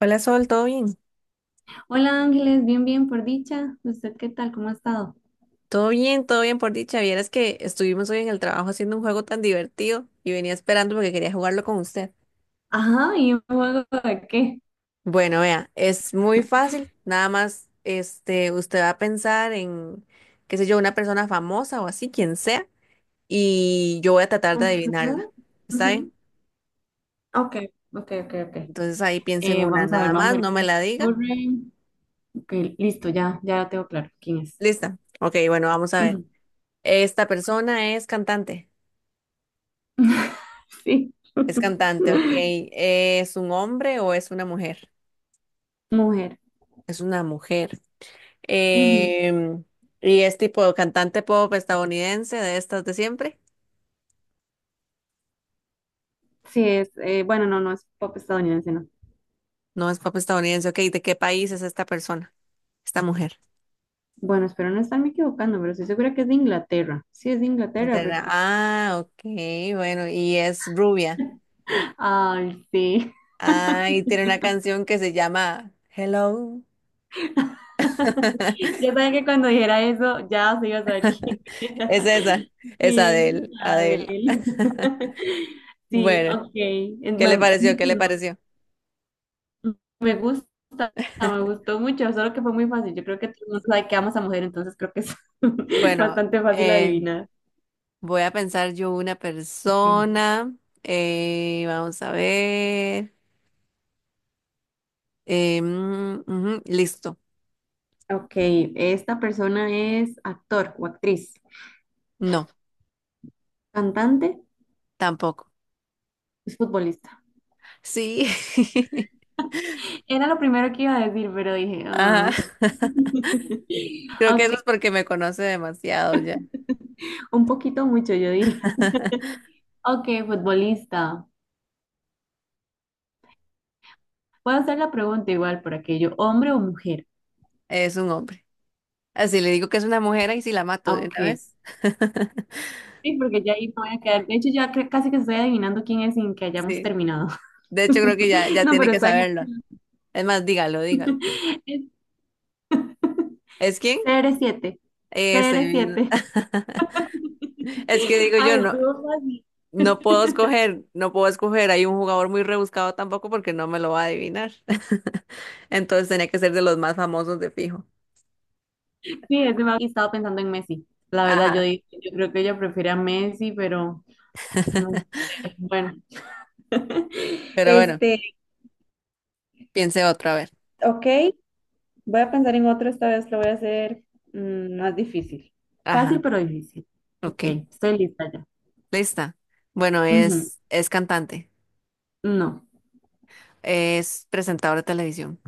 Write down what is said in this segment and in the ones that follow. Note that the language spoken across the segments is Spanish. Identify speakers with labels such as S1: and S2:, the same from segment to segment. S1: Hola Sol, ¿todo bien?
S2: Hola Ángeles, bien, bien, por dicha. ¿Usted qué tal? ¿Cómo ha estado?
S1: Todo bien, todo bien por dicha. Vieras que estuvimos hoy en el trabajo haciendo un juego tan divertido y venía esperando porque quería jugarlo con usted.
S2: Ajá, ¿y un juego de qué?
S1: Bueno, vea, es muy fácil. Nada más, este, usted va a pensar en, qué sé yo, una persona famosa o así, quien sea, y yo voy a tratar de
S2: Ujú,
S1: adivinarla. ¿Está
S2: ujú.
S1: bien?
S2: Ok, ok, ok, ok.
S1: Entonces ahí piensa en una
S2: Vamos a ver,
S1: nada
S2: vamos a
S1: más,
S2: ver
S1: no
S2: qué se
S1: me
S2: me
S1: la diga.
S2: ocurre. Ok, listo, ya, ya lo tengo claro quién es.
S1: Lista. Ok, bueno, vamos a ver.
S2: Ujú.
S1: Esta persona es cantante.
S2: Sí.
S1: Es cantante, ok. ¿Es un hombre o es una mujer?
S2: Mujer.
S1: Es una mujer.
S2: Ujú.
S1: Em, y es tipo cantante pop estadounidense, de estas de siempre.
S2: Sí, no, no es pop estadounidense, no.
S1: No es pop estadounidense. Ok, ¿de qué país es esta persona? Esta mujer.
S2: Bueno, espero no estarme equivocando, pero estoy segura que es de Inglaterra. Sí, es de Inglaterra, porque...
S1: Ah, ok, bueno, y es rubia.
S2: Ay, sí.
S1: Ah, y tiene una canción que se llama Hello.
S2: Ya saben que cuando dijera eso, ya se iba a saber quién
S1: Es
S2: era.
S1: esa, es
S2: Sí,
S1: Adele, Adele.
S2: Adel. Sí,
S1: Bueno,
S2: ok.
S1: ¿qué le
S2: Es
S1: pareció?
S2: mi
S1: ¿Qué le
S2: turno.
S1: pareció?
S2: Me gusta, me gustó mucho, solo que fue muy fácil. Yo creo que todo el mundo sabe que amas a mujer, entonces creo que es
S1: Bueno,
S2: bastante fácil
S1: em,
S2: adivinar.
S1: voy a pensar yo una
S2: Ok,
S1: persona. Vamos a ver. Ujú, listo.
S2: ok, esta persona es actor o actriz,
S1: No,
S2: cantante,
S1: tampoco.
S2: es futbolista.
S1: Sí.
S2: Era lo primero que iba a decir, pero dije, ah,
S1: Ajá. Creo que
S2: ok,
S1: eso es porque me conoce demasiado ya.
S2: un poquito mucho, yo diría. Ok, futbolista. Puedo hacer la pregunta igual por aquello, ¿hombre o mujer?
S1: Es un hombre. Así le digo que es una mujer y si la mato de
S2: Ok.
S1: una vez.
S2: Sí, porque ya ahí me voy a quedar. De hecho, casi que estoy adivinando quién es sin que hayamos
S1: Sí.
S2: terminado.
S1: De hecho, creo que ya
S2: No,
S1: tiene
S2: pero
S1: que
S2: está bien.
S1: saberlo. Es más, dígalo, dígalo. ¿Es quién?
S2: CR7. C R
S1: Ese mismo.
S2: siete.
S1: Es que digo
S2: Ah,
S1: yo no.
S2: estuvo fácil.
S1: No puedo escoger, no puedo escoger. Hay un jugador muy rebuscado tampoco porque no me lo va a adivinar. Entonces tenía que ser de los más famosos de fijo.
S2: Sí, ese me ha estado pensando en Messi. La verdad, yo,
S1: Ajá.
S2: dije, yo creo que ella prefiere a Messi, pero no sé. Bueno.
S1: Pero bueno,
S2: Este,
S1: piense otra vez.
S2: ok. Voy a pensar en otro, esta vez lo voy a hacer más difícil. Fácil
S1: Ajá.
S2: pero difícil.
S1: Ok.
S2: Ok, estoy lista ya.
S1: Lista. Bueno,
S2: Ujú,
S1: es cantante.
S2: no.
S1: Es presentador de televisión.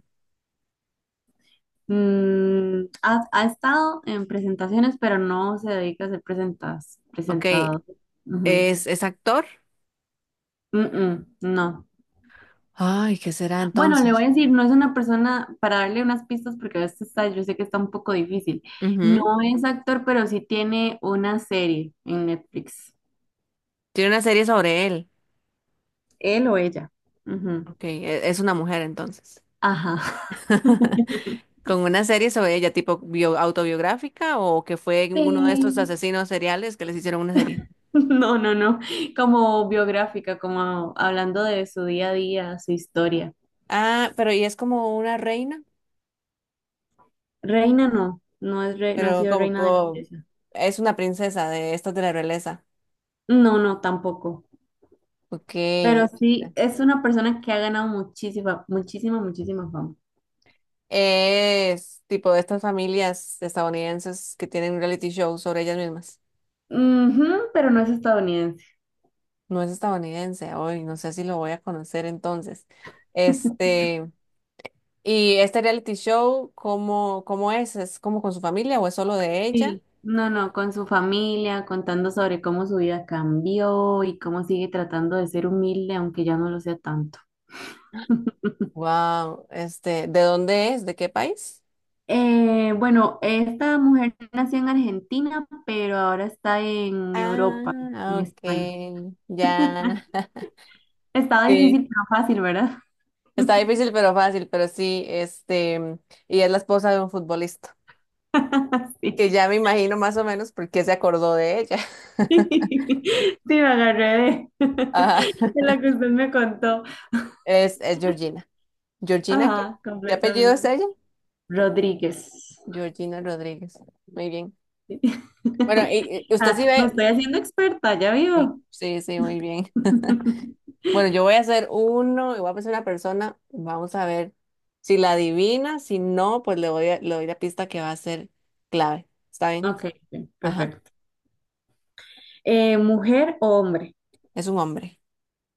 S2: Ha, ha estado en presentaciones, pero no se dedica a ser presentas,
S1: Ok.
S2: presentado. Ujú.
S1: Es actor.
S2: Mm, mm, no.
S1: Ay, ¿qué será
S2: Bueno, le voy
S1: entonces?
S2: a decir, no es una persona, para darle unas pistas, porque a veces está, yo sé que está un poco difícil. No
S1: Ujú.
S2: es actor, pero sí tiene una serie en Netflix.
S1: Tiene una serie sobre él.
S2: Él o ella. Ujú.
S1: Ok. Es una mujer entonces.
S2: Ajá.
S1: Con una serie sobre ella, tipo autobiográfica, o que fue uno de estos
S2: Sí.
S1: asesinos seriales que les hicieron una serie.
S2: No, no, no, como biográfica, como hablando de su día a día, su historia.
S1: Ah, pero y es como una reina,
S2: Reina no, no ha
S1: pero
S2: sido reina de belleza.
S1: es una princesa de estas de la realeza.
S2: No, no, tampoco.
S1: Ok.
S2: Pero sí, es una persona que ha ganado muchísima, muchísima, muchísima fama.
S1: Es tipo de estas familias estadounidenses que tienen un reality show sobre ellas mismas.
S2: Ujú, pero no es estadounidense.
S1: No es estadounidense, hoy no sé si lo voy a conocer entonces. Este, y este reality show, cómo es? ¿Es como con su familia o es solo de ella?
S2: Sí. No, no, con su familia, contando sobre cómo su vida cambió y cómo sigue tratando de ser humilde, aunque ya no lo sea tanto.
S1: Wow, este, ¿de dónde es? ¿De qué país?
S2: Bueno, Esta mujer nació en Argentina, pero ahora está en Europa,
S1: Ah,
S2: en
S1: ok,
S2: España.
S1: ya.
S2: Estaba
S1: Sí,
S2: difícil, pero fácil, ¿verdad?
S1: está difícil pero fácil, pero sí, este, mm, y es la esposa de un futbolista,
S2: Sí.
S1: que ya me imagino más o menos por qué se acordó de ella.
S2: Sí, me agarré de,
S1: Ajá.
S2: de lo que usted me contó.
S1: Es Georgina. ¿Georgina qué?
S2: Ajá,
S1: ¿Qué apellido es
S2: completamente.
S1: ella?
S2: Rodríguez.
S1: Georgina Rodríguez. Muy bien.
S2: Sí.
S1: Bueno, y usted sí
S2: Ah, me
S1: ve.
S2: estoy haciendo experta, ya
S1: Sí,
S2: vio.
S1: sí, sí, muy bien. Bueno, yo voy a hacer uno y voy a pensar una persona. Vamos a ver si la adivina. Si no, pues le doy la pista que va a ser clave. ¿Está bien?
S2: Ok, bien,
S1: Ajá.
S2: perfecto. ¿Mujer o hombre?
S1: Es un hombre.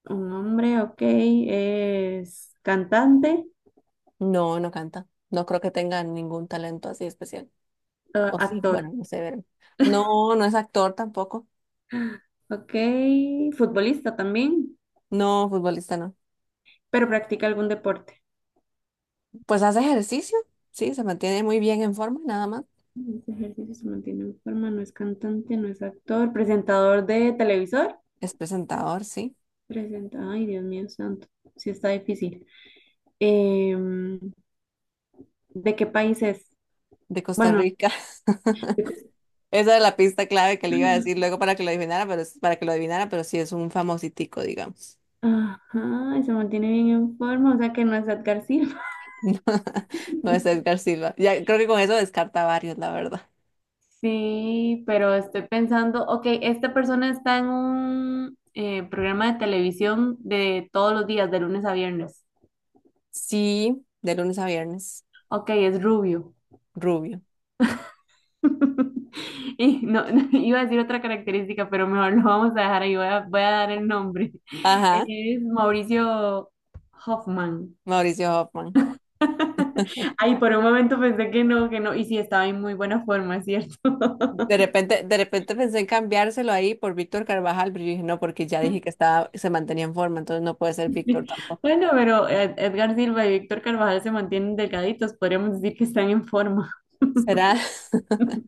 S2: Un hombre, ok, es cantante.
S1: No, no canta. No creo que tenga ningún talento así especial.
S2: Ah,
S1: O sí,
S2: actor.
S1: bueno, no sé, ver. No, no es actor tampoco.
S2: Ok. Futbolista también,
S1: No, futbolista no.
S2: pero practica algún deporte.
S1: Pues hace ejercicio. Sí, se mantiene muy bien en forma, nada más.
S2: Este ejercicio se mantiene en forma, no es cantante, no es actor. Presentador de televisor.
S1: Es presentador, sí.
S2: Presenta. Ay, Dios mío santo. Sí está difícil. Em, ¿De qué país es?
S1: De Costa
S2: Bueno,
S1: Rica.
S2: de Cos-
S1: Esa es la pista clave que le iba a decir luego para que lo adivinara, para que lo adivinara, pero sí es un famositico, digamos.
S2: Ajá, y se mantiene bien en forma, o sea que no es Edgar Silva.
S1: No es Edgar Silva. Ya creo que con eso descarta varios, la verdad.
S2: Sí, pero estoy pensando, ok, esta persona está en un programa de televisión de todos los días, de lunes a viernes.
S1: Sí, de lunes a viernes,
S2: Ok, es rubio.
S1: rubio.
S2: Y no, iba a decir otra característica, pero mejor lo vamos a dejar ahí. Voy a dar el nombre.
S1: Ajá,
S2: Es Mauricio Hoffman.
S1: Mauricio Hoffman.
S2: Ay, por un momento pensé que no, que no. Y sí, estaba en muy buena forma, es ¿cierto?
S1: De repente pensé en cambiárselo ahí por Víctor Carvajal, pero yo dije, no, porque ya dije que estaba, se mantenía en forma, entonces no puede ser Víctor tampoco.
S2: Bueno, pero Edgar Silva y Víctor Carvajal se mantienen delgaditos. Podríamos decir que están en forma.
S1: ¿Será?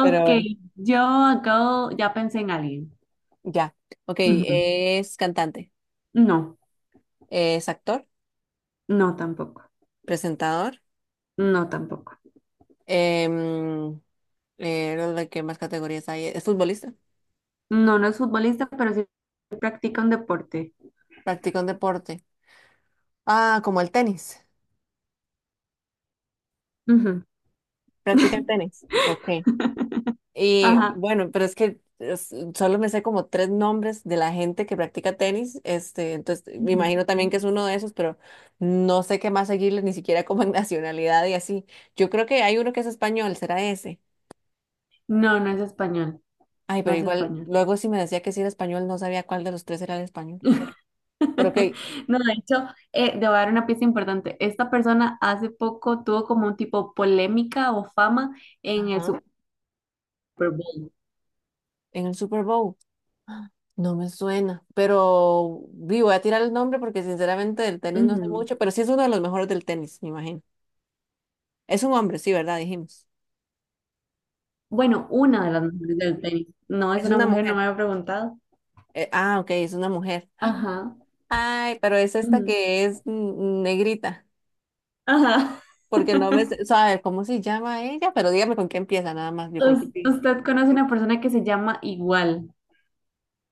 S1: Pero bueno,
S2: yo acabo, ya pensé en alguien.
S1: ya. Ok,
S2: Ujú.
S1: es cantante,
S2: No,
S1: es actor,
S2: no tampoco.
S1: presentador.
S2: No tampoco.
S1: Em, ¿De qué más categorías hay? ¿Es futbolista?
S2: No, no es futbolista, pero sí practica un deporte.
S1: ¿Practica un deporte? Ah, como el tenis.
S2: Ujú.
S1: ¿Practica el tenis? Ok. Y
S2: Ajá.
S1: bueno, pero solo me sé como tres nombres de la gente que practica tenis. Este, entonces me
S2: Ujú.
S1: imagino también que es uno de esos, pero no sé qué más seguirle, ni siquiera como en nacionalidad y así. Yo creo que hay uno que es español, será ese.
S2: No, no es español.
S1: Ay,
S2: No
S1: pero
S2: es
S1: igual,
S2: español.
S1: luego si me decía que sí era español, no sabía cuál de los tres era el español. Pero ok.
S2: No, de hecho, te voy a dar una pieza importante. Esta persona hace poco tuvo como un tipo polémica o fama en el
S1: Ajá.
S2: Super Bowl.
S1: En el Super Bowl. No me suena, pero vi, voy a tirar el nombre porque sinceramente del tenis no sé
S2: Ujú.
S1: mucho, pero sí es uno de los mejores del tenis, me imagino. Es un hombre, sí, ¿verdad? Dijimos.
S2: Bueno, una de las mujeres del tenis. No es
S1: Es
S2: una
S1: una
S2: mujer, no me
S1: mujer.
S2: había preguntado.
S1: Ok, es una mujer.
S2: Ajá.
S1: Ay, pero es esta
S2: Ujú,
S1: que es mm, negrita,
S2: ajá.
S1: porque no me sé, o sea, a ver, ¿cómo se llama ella? Pero dígame con qué empieza, nada más, yo creo que sí.
S2: Usted conoce una persona que se llama igual,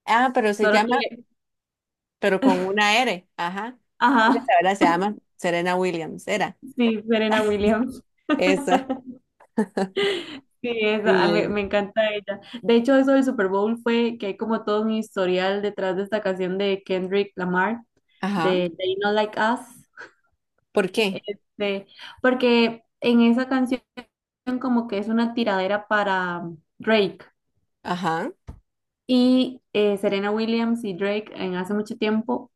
S1: Ah, pero se
S2: solo
S1: llama,
S2: que...
S1: pero con una R, ajá.
S2: Ajá.
S1: Esa, ¿verdad? Se llama Serena Williams, era.
S2: Sí, Serena Williams.
S1: Esa.
S2: Sí,
S1: Muy
S2: esa, ah,
S1: bien.
S2: me encanta ella. De hecho, eso del Super Bowl fue que hay como todo un historial detrás de esta canción de Kendrick Lamar,
S1: Ajá.
S2: de They Not Like Us.
S1: ¿Por qué?
S2: Este, porque en esa canción como que es una tiradera para Drake.
S1: Ajá.
S2: Y Serena Williams y Drake en hace mucho tiempo,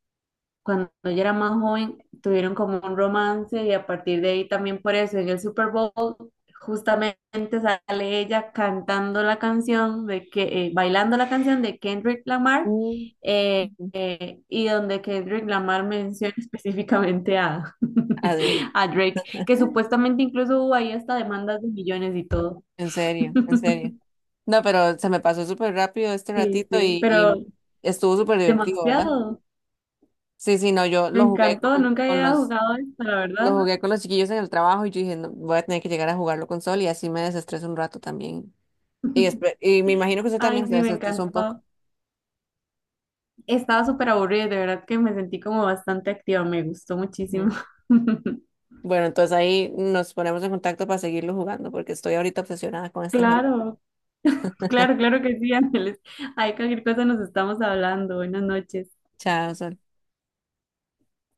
S2: cuando yo era más joven, tuvieron como un romance y a partir de ahí también por eso en el Super Bowl justamente sale ella cantando la canción de que, bailando la canción de Kendrick Lamar
S1: Mm. Ujú.
S2: y donde Kendrick Lamar menciona específicamente a,
S1: Adri,
S2: a Drake, que supuestamente incluso hubo ahí hasta demandas de millones y todo.
S1: en serio, en serio. No, pero se me pasó súper rápido este
S2: Sí,
S1: ratito
S2: sí,
S1: y
S2: pero
S1: estuvo súper divertido, ¿verdad?
S2: demasiado.
S1: Sí, sí, no, yo
S2: Me
S1: lo jugué
S2: encantó, nunca
S1: con
S2: había
S1: los,
S2: jugado esto, la
S1: lo
S2: verdad.
S1: jugué con los chiquillos en el trabajo y yo dije, "No, voy a tener que llegar a jugarlo con Sol y así me desestreso un rato también. Y, y me imagino que usted
S2: Ay,
S1: también se
S2: sí, me
S1: desestresó un poco.
S2: encantó. Estaba súper aburrida, de verdad que me sentí como bastante activa, me gustó muchísimo.
S1: Ujú. Bueno, entonces ahí nos ponemos en contacto para seguirlo jugando porque estoy ahorita obsesionada con este juego.
S2: Claro, claro, claro que sí, Ángeles. Ay, cualquier cosa nos estamos hablando. Buenas noches.
S1: Chao, Sol.